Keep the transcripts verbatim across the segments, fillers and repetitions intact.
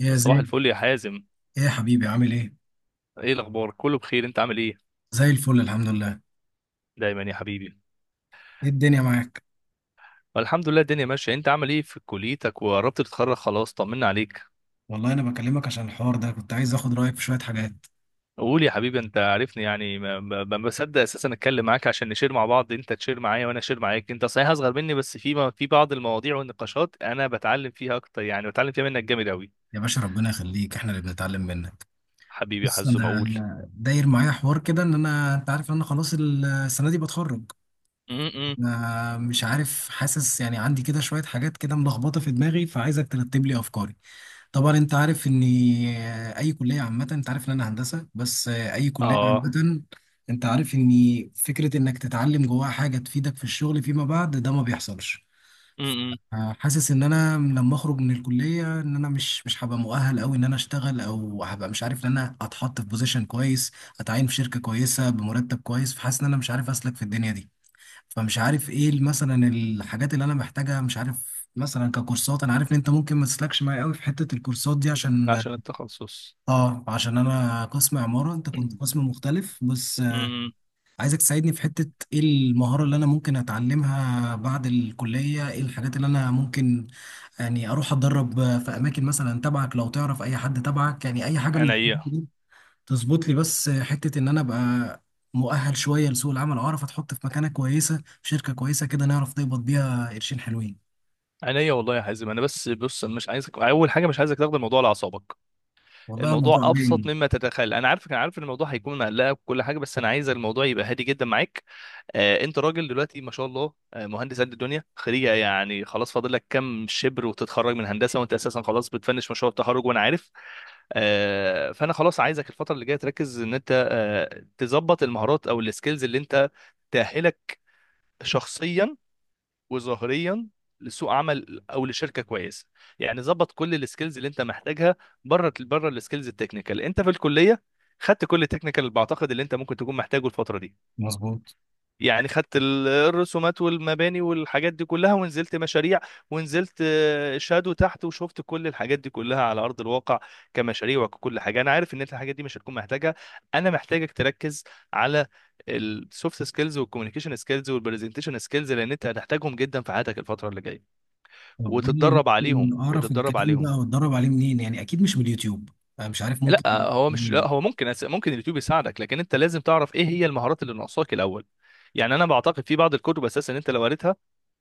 يا صباح زين، الفل يا حازم. ايه يا حبيبي؟ عامل ايه؟ ايه الاخبار، كله بخير؟ انت عامل ايه؟ زي الفل الحمد لله. دايما يا حبيبي. ايه الدنيا معاك؟ والحمد لله الدنيا ماشيه، انت عامل ايه في كليتك؟ وقربت تتخرج خلاص، طمنا عليك. والله انا بكلمك عشان الحوار ده، كنت عايز اخد رايك في شويه حاجات. قول يا حبيبي، انت عارفني، يعني ما ما- ما بصدق اساسا اتكلم معاك عشان نشير مع بعض، انت تشير معايا وانا اشير معاك. انت صحيح اصغر مني بس في ما في بعض المواضيع والنقاشات انا بتعلم فيها اكتر، يعني بتعلم فيها منك جامد قوي. يا باشا ربنا يخليك، احنا اللي بنتعلم منك. حبيبي يا بص حزم انا اقول. داير معايا حوار كده، ان انا، انت عارف ان انا خلاص السنه دي بتخرج. م-م. انا مش عارف، حاسس يعني عندي كده شويه حاجات كده ملخبطه في دماغي، فعايزك ترتب لي افكاري. طبعا انت عارف ان اي كليه عامه، انت عارف ان انا هندسه، بس اي كليه اه. عامه انت عارف ان فكره انك تتعلم جواها حاجه تفيدك في الشغل فيما بعد ده ما بيحصلش. م-م. حاسس ان انا لما اخرج من الكليه ان انا مش مش هبقى مؤهل قوي ان انا اشتغل، او هبقى مش عارف ان انا اتحط في بوزيشن كويس، اتعين في شركه كويسه بمرتب كويس. فحاسس ان انا مش عارف اسلك في الدنيا دي. فمش عارف ايه مثلا الحاجات اللي انا محتاجها، مش عارف مثلا ككورسات. انا عارف ان انت ممكن ما تسلكش معايا قوي في حته الكورسات دي، عشان، عشان التخصص. اه، عشان انا قسم عمارة، انت كنت قسم مختلف، بس آه، م-م. عايزك تساعدني في حتة ايه المهارة اللي انا ممكن اتعلمها بعد الكلية. ايه الحاجات اللي انا ممكن يعني اروح اتدرب آه، في اماكن مثلا تبعك، لو تعرف اي حد تبعك، يعني اي حاجة من انا الحاجات إيه؟ دي تظبط لي بس، آه، حتة ان انا ابقى مؤهل شوية لسوق العمل، اعرف اتحط في مكانة كويسة في شركة كويسة كده، نعرف نقبض بيها قرشين حلوين. عينيا والله يا حازم، انا بس بص، أنا مش عايزك، اول حاجه مش عايزك تاخد الموضوع على اعصابك. والله الموضوع الموضوع ابسط عجبني. مما تتخيل، انا عارفك، انا عارف ان الموضوع هيكون مقلقك وكل حاجه، بس انا عايز الموضوع يبقى هادي جدا معاك. آه، انت راجل دلوقتي ما شاء الله، آه، مهندس قد الدنيا، خريجه يعني خلاص، فاضل لك كام شبر وتتخرج من هندسه، وانت اساسا خلاص بتفنش مشروع التخرج وانا عارف. آه، فانا خلاص عايزك الفتره اللي جايه تركز ان انت آه تظبط المهارات او السكيلز اللي انت تأهلك شخصيا وظاهريا لسوق عمل او لشركه كويسه. يعني ظبط كل السكيلز اللي انت محتاجها، بره بره السكيلز التكنيكال، انت في الكليه خدت كل التكنيكال اللي بعتقد اللي انت ممكن تكون محتاجه الفتره دي. مظبوط. يعني خدت ال- الرسومات والمباني والحاجات دي كلها، ونزلت مشاريع، ونزلت آه، شادو تحت وشفت كل الحاجات دي كلها على أرض الواقع كمشاريع وككل حاجة. أنا عارف إن أنت الحاجات دي مش هتكون محتاجها. أنا محتاجك تركز على السوفت سكيلز والكوميونيكيشن سكيلز والبرزنتيشن سكيلز لأن أنت هتحتاجهم جدا في حياتك الفترة اللي جاية، طب قول لي، وتتدرب عليهم ممكن اعرف وتتدرب الكلام عليهم. ده واتدرب عليه منين؟ يعني اكيد مش من اليوتيوب. انا مش عارف ممكن لا هو مش، لا منين. هو ممكن أس- ممكن اليوتيوب يساعدك، لكن انت لازم تعرف ايه هي المهارات اللي ناقصاك الاول. يعني انا بعتقد في بعض الكتب اساسا انت لو قريتها،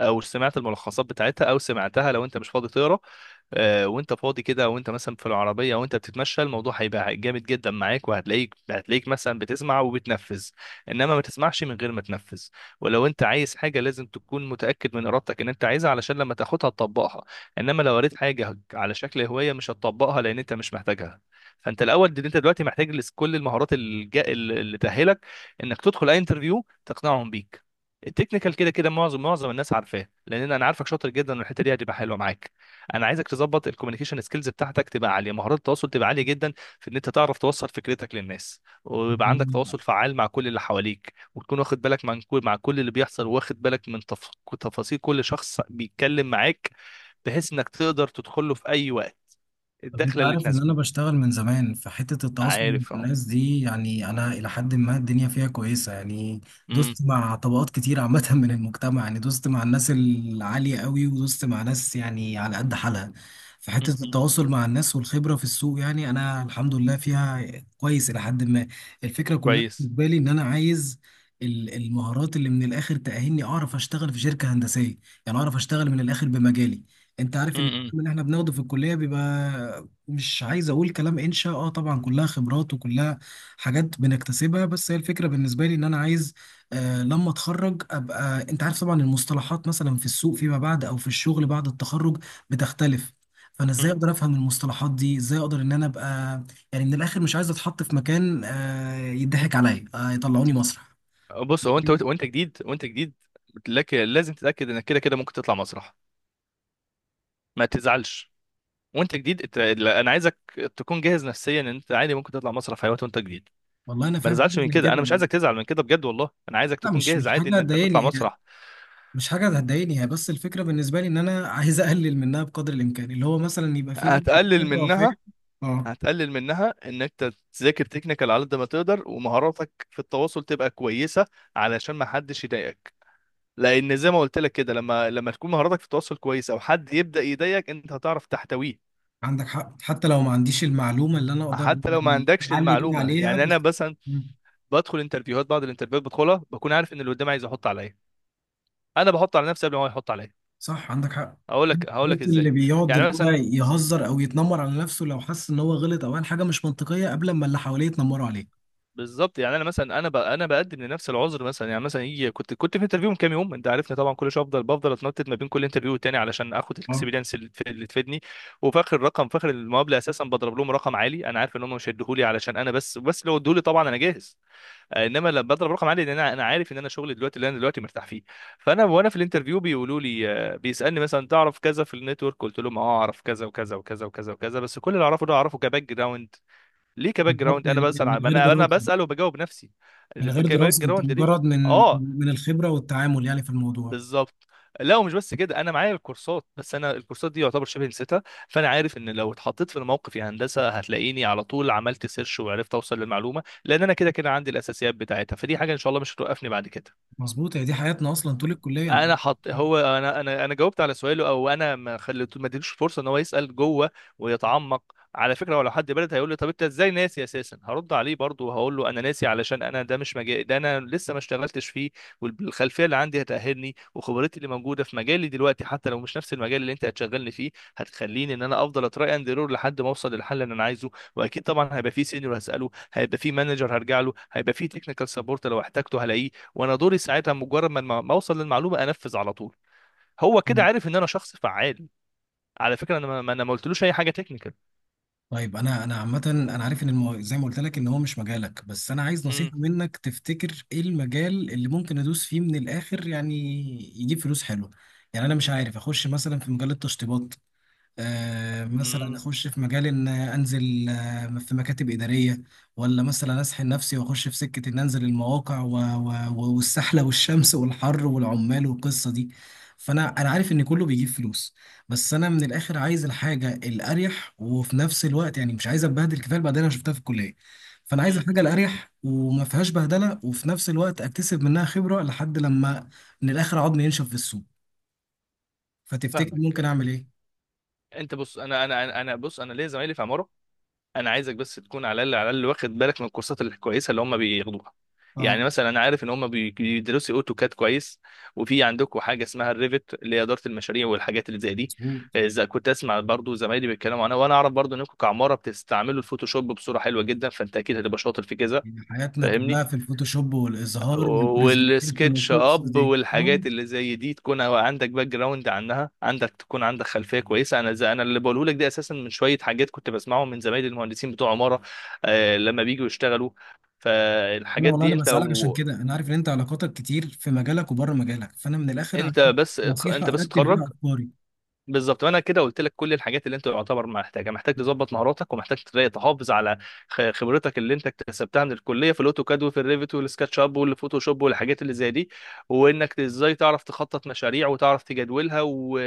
او سمعت الملخصات بتاعتها، او سمعتها لو انت مش فاضي تقرا. آه، وانت فاضي كده، وانت مثلا في العربيه وانت بتتمشى، الموضوع هيبقى جامد جدا معاك، وهتلاقيك هتلاقيك مثلا بتسمع وبتنفذ. انما ما تسمعش من غير ما تنفذ. ولو انت عايز حاجه لازم تكون متاكد من ارادتك ان انت عايزها، علشان لما تاخدها تطبقها. انما لو قريت حاجه على شكل هوايه مش هتطبقها لان انت مش محتاجها. فانت الاول دي، انت دلوقتي محتاج لس- كل المهارات الج- اللي تاهلك انك تدخل اي انترفيو تقنعهم بيك. التكنيكال كده كده معظم معظم الناس عارفاه، لان انا عارفك شاطر جدا، والحته دي هتبقى حلوه معاك. انا عايزك تظبط الكوميونيكيشن سكيلز بتاعتك تبقى عاليه، مهارات التواصل تبقى عاليه جدا، في ان انت تعرف توصل فكرتك للناس، طب ويبقى عندك انا، تواصل فعال مع كل اللي حواليك، وتكون واخد بالك من كل، مع كل اللي بيحصل، واخد بالك من تف... تفاصيل كل شخص بيتكلم معاك، بحيث انك تقدر تدخل له في اي وقت طب انت الدخله اللي عارف ان انا تناسبه. بشتغل من زمان في حتة التواصل مع عارف، اه. الناس دي، يعني انا الى حد ما الدنيا فيها كويسة يعني. امم. دوست مع طبقات كتير عامة من المجتمع، يعني دوست مع الناس العالية قوي ودوست مع ناس يعني على قد حالها. في حتة أمم. التواصل مع الناس والخبرة في السوق يعني انا الحمد لله فيها كويس الى حد ما. الفكرة كلها كويس. بالنسبة لي ان انا عايز ال- المهارات اللي من الاخر تأهلني اعرف اشتغل في شركة هندسية، يعني اعرف اشتغل من الاخر بمجالي. انت عارف ان امم، امم. الكلام اللي احنا بناخده في الكلية بيبقى، مش عايز اقول كلام انشا، اه طبعا كلها خبرات وكلها حاجات بنكتسبها، بس هي الفكره بالنسبه لي ان انا عايز، آه، لما اتخرج ابقى، انت عارف طبعا المصطلحات مثلا في السوق فيما بعد او في الشغل بعد التخرج بتختلف. فانا ازاي اقدر افهم المصطلحات دي؟ ازاي اقدر ان انا ابقى يعني من الاخر مش عايز اتحط في مكان، آه، يضحك عليا، آه، يطلعوني مسرح. بص، هو انت وانت جديد، وانت جديد لك لازم تتاكد انك كده كده ممكن تطلع مسرح، ما تزعلش. وانت جديد ات- لا، انا عايزك تكون جاهز نفسيا ان انت عادي ممكن تطلع مسرح في اي وقت وانت جديد. والله انا ما فاهم حاجه تزعلش من زي كده، كده. انا مش عايزك تزعل من كده بجد، والله انا عايزك لا، تكون مش جاهز مش عادي حاجه ان انت تطلع تضايقني، مسرح. مش حاجة هتضايقني. هي بس الفكرة بالنسبة لي إن أنا عايز أقلل منها بقدر الإمكان، اللي هو مثلا يبقى في نسبة هتقلل خبرة وفهم. منها أه. هتقلل منها ان انت تذاكر تكنيكال على قد ما تقدر، ومهاراتك في التواصل تبقى كويسه، علشان ما حدش يضايقك. لان زي ما قلت لك كده، لما لما تكون مهاراتك في التواصل كويسه وحد يبدا يضايقك، انت هتعرف تحتويه. عندك حق، حتى لو ما عنديش المعلومة اللي أنا أقدر حتى لو ما يعني عندكش أعلي بيها المعلومه، عليها يعني انا بس. مثلا مم. بدخل انترفيوهات، بعض الانترفيوهات بدخلها بكون عارف ان اللي قدامي عايز يحط عليا، انا بحط على نفسي قبل ما هو يحط عليا. صح، عندك حق. هقول لك هقول لك قلت اللي ازاي. بيقعد يعني اللي هو مثلا، يهزر أو يتنمر على نفسه لو حس إن هو غلط أو قال حاجة مش منطقية قبل ما اللي حواليه يتنمروا عليه. بالظبط، يعني انا مثلا انا ب... انا بقدم لنفس العذر، مثلا يعني، مثلا يجي كنت كنت في انترفيو من كام يوم، انت عارفني طبعا كل شويه افضل بفضل اتنطط ما بين كل انترفيو والتاني علشان اخد اه، الاكسبيرينس اللي تف- اللي تفيدني. وفي اخر الرقم، في اخر المقابله اساسا بضرب لهم رقم عالي، انا عارف ان هم مش هيديهولي علشان انا، بس بس لو اديهولي طبعا انا جاهز. آه، انما لما بضرب رقم عالي، لان انا انا عارف ان انا شغلي دلوقتي اللي انا دلوقتي مرتاح فيه. فانا وانا في الانترفيو بيقولوا لي آه، بيسالني مثلا تعرف كذا في النتورك، قلت لهم اه اعرف كذا وكذا وكذا وكذا وكذا، بس كل اللي اعرفه ده اعرفه كباك جراوند. ليه كباك بالظبط، جراوند؟ انا يعني بسال من عن، غير انا انا دراسة. بسال وبجاوب نفسي. من اللي غير بك- باك دراسة، أنت جراوند ليه؟ مجرد من اه. من الخبرة والتعامل يعني في الموضوع. بالظبط. لا، ومش بس كده، انا معايا الكورسات، بس انا الكورسات دي يعتبر شبه نسيتها، فانا عارف ان لو اتحطيت في الموقف يا هندسه هتلاقيني على طول عملت سيرش وعرفت اوصل للمعلومه، لان انا كده كده عندي الاساسيات بتاعتها، فدي حاجه ان شاء الله مش هتوقفني بعد كده. مظبوط، هي دي حياتنا أصلا طول الكلية أنت. انا حط، هو انا انا انا جاوبت على سؤاله، او انا ما خليته، ما اديتوش فرصه ان هو يسال جوه ويتعمق. على فكره، ولو حد برد هيقول لي طب انت ازاي ناسي اساسا، هرد عليه برضه وهقول له انا ناسي علشان انا ده مش مجالي، ده انا لسه ما اشتغلتش فيه. والخلفيه اللي عندي هتاهلني، وخبرتي اللي موجوده في مجالي دلوقتي حتى لو مش نفس المجال اللي انت هتشغلني فيه هتخليني ان انا افضل اتراي اند ايرور لحد ما اوصل للحل اللي انا عايزه. واكيد طبعا هيبقى فيه سينيور هساله، هيبقى فيه مانجر هرجع له، هيبقى فيه تكنيكال سبورت لو احتاجته هلاقيه. وانا دوري ساعتها مجرد ما الم- ما اوصل للمعلومه انفذ على طول. هو كده مم. عارف ان انا شخص فعال. على فكره، انا ما ما- انا ما قلتلوش اي حاجه تكنيكال. طيب انا، انا عامه انا عارف ان المو... زي ما قلت لك ان هو مش مجالك، بس انا عايز نصيحه امم، منك، تفتكر ايه المجال اللي ممكن ادوس فيه من الاخر يعني يجيب فلوس حلوه؟ يعني انا مش عارف اخش مثلا في مجال التشطيبات، آه، مثلا امم. اخش في مجال ان انزل، آه، في مكاتب اداريه، ولا مثلا اسحل نفسي واخش في سكه ان انزل المواقع و- و- و- والسحله والشمس والحر والعمال والقصه دي. فانا، انا عارف ان كله بيجيب فلوس، بس انا من الاخر عايز الحاجه الاريح، وفي نفس الوقت يعني مش عايز اتبهدل، كفايه البهدله انا شفتها في الكليه. فانا عايز الحاجه الاريح وما فيهاش بهدله، وفي نفس الوقت اكتسب منها خبره لحد لما من الاخر عضمي ينشف في السوق. فتفتكر ممكن فاهمك. اعمل ايه؟ انت بص، انا انا انا أنا- بص انا ليا زمايلي في عماره. انا عايزك بس تكون على الاقل على الاقل واخد بالك من الكورسات الكويسه اللي هم بياخدوها. اه. يعني مثلا انا عارف ان هم بي- بيدرسوا اوتوكاد كويس. وفي عندكم حاجه اسمها الريفت اللي هي اداره المشاريع والحاجات اللي زي دي. مظبوط. اذا كنت اسمع برضو زمايلي بيتكلموا عنها، وانا اعرف برضو انكم كعماره بتستعملوا الفوتوشوب بصوره حلوه جدا، فانت اكيد هتبقى شاطر في كذا. يعني حياتنا فاهمني. كلها في الفوتوشوب والإظهار والبرزنتيشن والسكتش والقصص اب دي، والحاجات فاهم؟ اللي زي دي تكون عندك باك جراوند عنها، عندك تكون عندك خلفيه كويسه. انا زي انا اللي بقوله لك ده اساسا من شويه حاجات كنت بسمعهم من زمايلي المهندسين بتوع عماره آه لما بيجوا يشتغلوا. أنا فالحاجات والله دي أنا انت بسألك عشان لو، كده، أنا عارف إن أنت علاقاتك كتير في مجالك وبره مجالك، فأنا من الآخر عايز انت بس اتخ- انت نصيحة بس أرتب بيها اتخرج. أفكاري. بالظبط. وانا كده قلت لك كل الحاجات اللي انت يعتبر محتاجها، محتاج تظبط مهاراتك، ومحتاج تلاقي تحافظ على خ- خبرتك اللي انت اكتسبتها من الكليه في الاوتوكاد وفي الريفت والسكتش اب والفوتوشوب والحاجات اللي زي دي، وانك ازاي تعرف تخطط مشاريع وتعرف تجدولها و...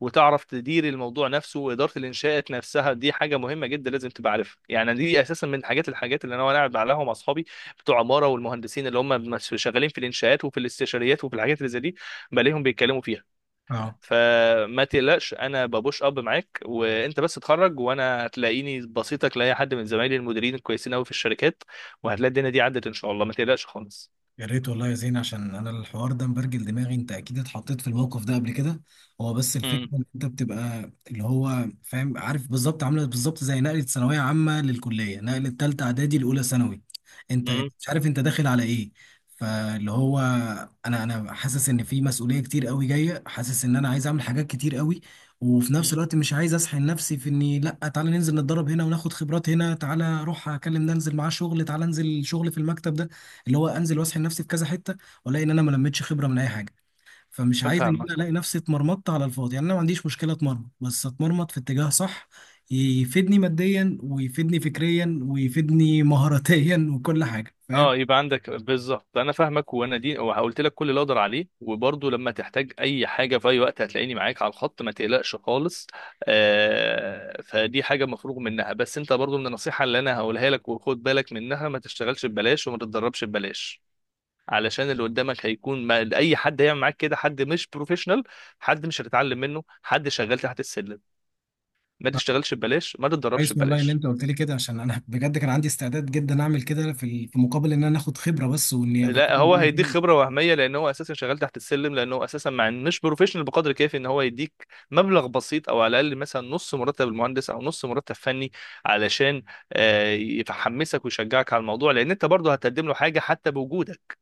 وتعرف تدير الموضوع نفسه. واداره الانشاءات نفسها دي حاجه مهمه جدا لازم تبقى عارفها. يعني دي اساسا من حاجات الحاجات اللي انا وانا قاعد عليها مع اصحابي بتوع عماره والمهندسين اللي هم مس- شغالين في الانشاءات وفي الاستشاريات وفي الحاجات اللي زي دي، بلاقيهم بيتكلموا فيها. أه. فما تقلقش، انا ببوش اب معاك، وانت بس اتخرج وانا هتلاقيني بسيطك لاي حد من زمايلي المديرين الكويسين قوي في الشركات، وهتلاقي الدنيا دي عدت ان شاء الله، ما تقلقش خالص. يا ريت والله يا زين، عشان انا الحوار ده مبرجل دماغي. انت اكيد اتحطيت في الموقف ده قبل كده. هو بس الفكره امم، ان انت بتبقى اللي هو فاهم عارف بالظبط، عامله بالظبط زي نقله ثانويه عامه للكليه، نقله ثالثه اعدادي لاولى ثانوي. انت أنت امم. مش عارف انت داخل على ايه. فاللي هو، انا انا حاسس ان في مسؤوليه كتير قوي جايه، حاسس ان انا عايز اعمل حاجات كتير قوي، وفي نفس أمم. الوقت مش عايز اسحل نفسي في اني، لا تعالى ننزل نتدرب هنا وناخد خبرات هنا، تعالى اروح اكلم ده انزل معاه شغل، تعالى انزل شغل في المكتب ده، اللي هو انزل واسحل نفسي في كذا حته، والاقي ان انا ما لميتش خبره من اي حاجه. فمش عايز ان فاهمك. انا الاقي نفسي اتمرمطت على الفاضي، يعني انا ما عنديش مشكله اتمرمط، بس اتمرمط في اتجاه صح، يفيدني ماديا ويفيدني فكريا ويفيدني مهاراتيا وكل حاجه، فاهم؟ اه، يبقى عندك بالظبط انا فاهمك. وانا دي وقلت لك كل اللي اقدر عليه، وبرضه لما تحتاج اي حاجه في اي وقت هتلاقيني معاك على الخط، ما تقلقش خالص. آه، فدي حاجه مفروغ منها. بس انت برضه من النصيحه اللي انا هقولها لك وخد بالك منها، ما تشتغلش ببلاش وما تتدربش ببلاش، علشان اللي قدامك هيكون ما، اي حد هيعمل معاك كده حد مش بروفيشنال، حد مش هتتعلم منه، حد شغال تحت السلم. ما تشتغلش ببلاش، ما تتدربش كويس والله ان ببلاش. انت قلت لي كده، عشان انا بجد كان عندي استعداد جدا اعمل كده في ال- في مقابل ان انا اخد خبره بس، واني ابقى لا، فاهم هو الدنيا هيديك كده. خبره وهميه، لان هو اساسا شغال تحت السلم، لان هو اساسا مع إن مش بروفيشنال بقدر كافي ان هو يديك مبلغ بسيط او على الاقل مثلا نص مرتب المهندس او نص مرتب فني، علشان آه، يحمسك ويشجعك على الموضوع، لان انت برضه هتقدم له حاجه حتى بوجودك.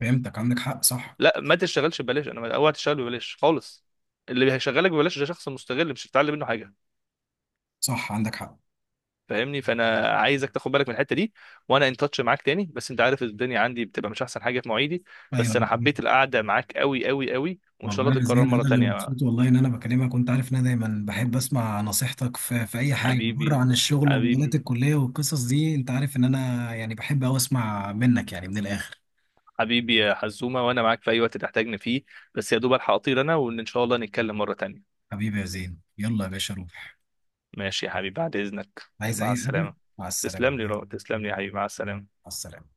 فهمتك، عندك حق، صح. لا، ما تشتغلش ببلاش، انا اوعى تشتغل ببلاش خالص، اللي هيشغلك ببلاش ده شخص مستغل مش هتتعلم منه حاجه. صح، عندك حق. فاهمني، فانا عايزك تاخد بالك من الحته دي. وانا ان تاتش معاك تاني، بس انت عارف الدنيا عندي بتبقى مش احسن حاجه في مواعيدي، ايوه. بس انا حبيت القعده معاك قوي قوي قوي وان شاء والله الله يا تتكرر زين مره انا اللي تانية. مبسوط، والله ان انا بكلمك، وانت عارف ان انا دايما بحب اسمع نصيحتك في، في اي حاجه بره حبيبي، عن الشغل ومجالات حبيبي، الكليه والقصص دي. انت عارف ان انا يعني بحب اوي اسمع منك يعني من الاخر. حبيبي يا حزومه، وانا معاك في اي وقت تحتاجني فيه. بس يا دوب الحق اطير انا، وان شاء الله نتكلم مره تانية. حبيبي يا زين، يلا يا باشا روح. ماشي يا حبيبي، بعد اذنك، عايز مع اي حاجه؟ السلامه. مع السلامه. تسلم مع لي رو. تسلم لي يا حبيبي، مع السلامه. السلامه.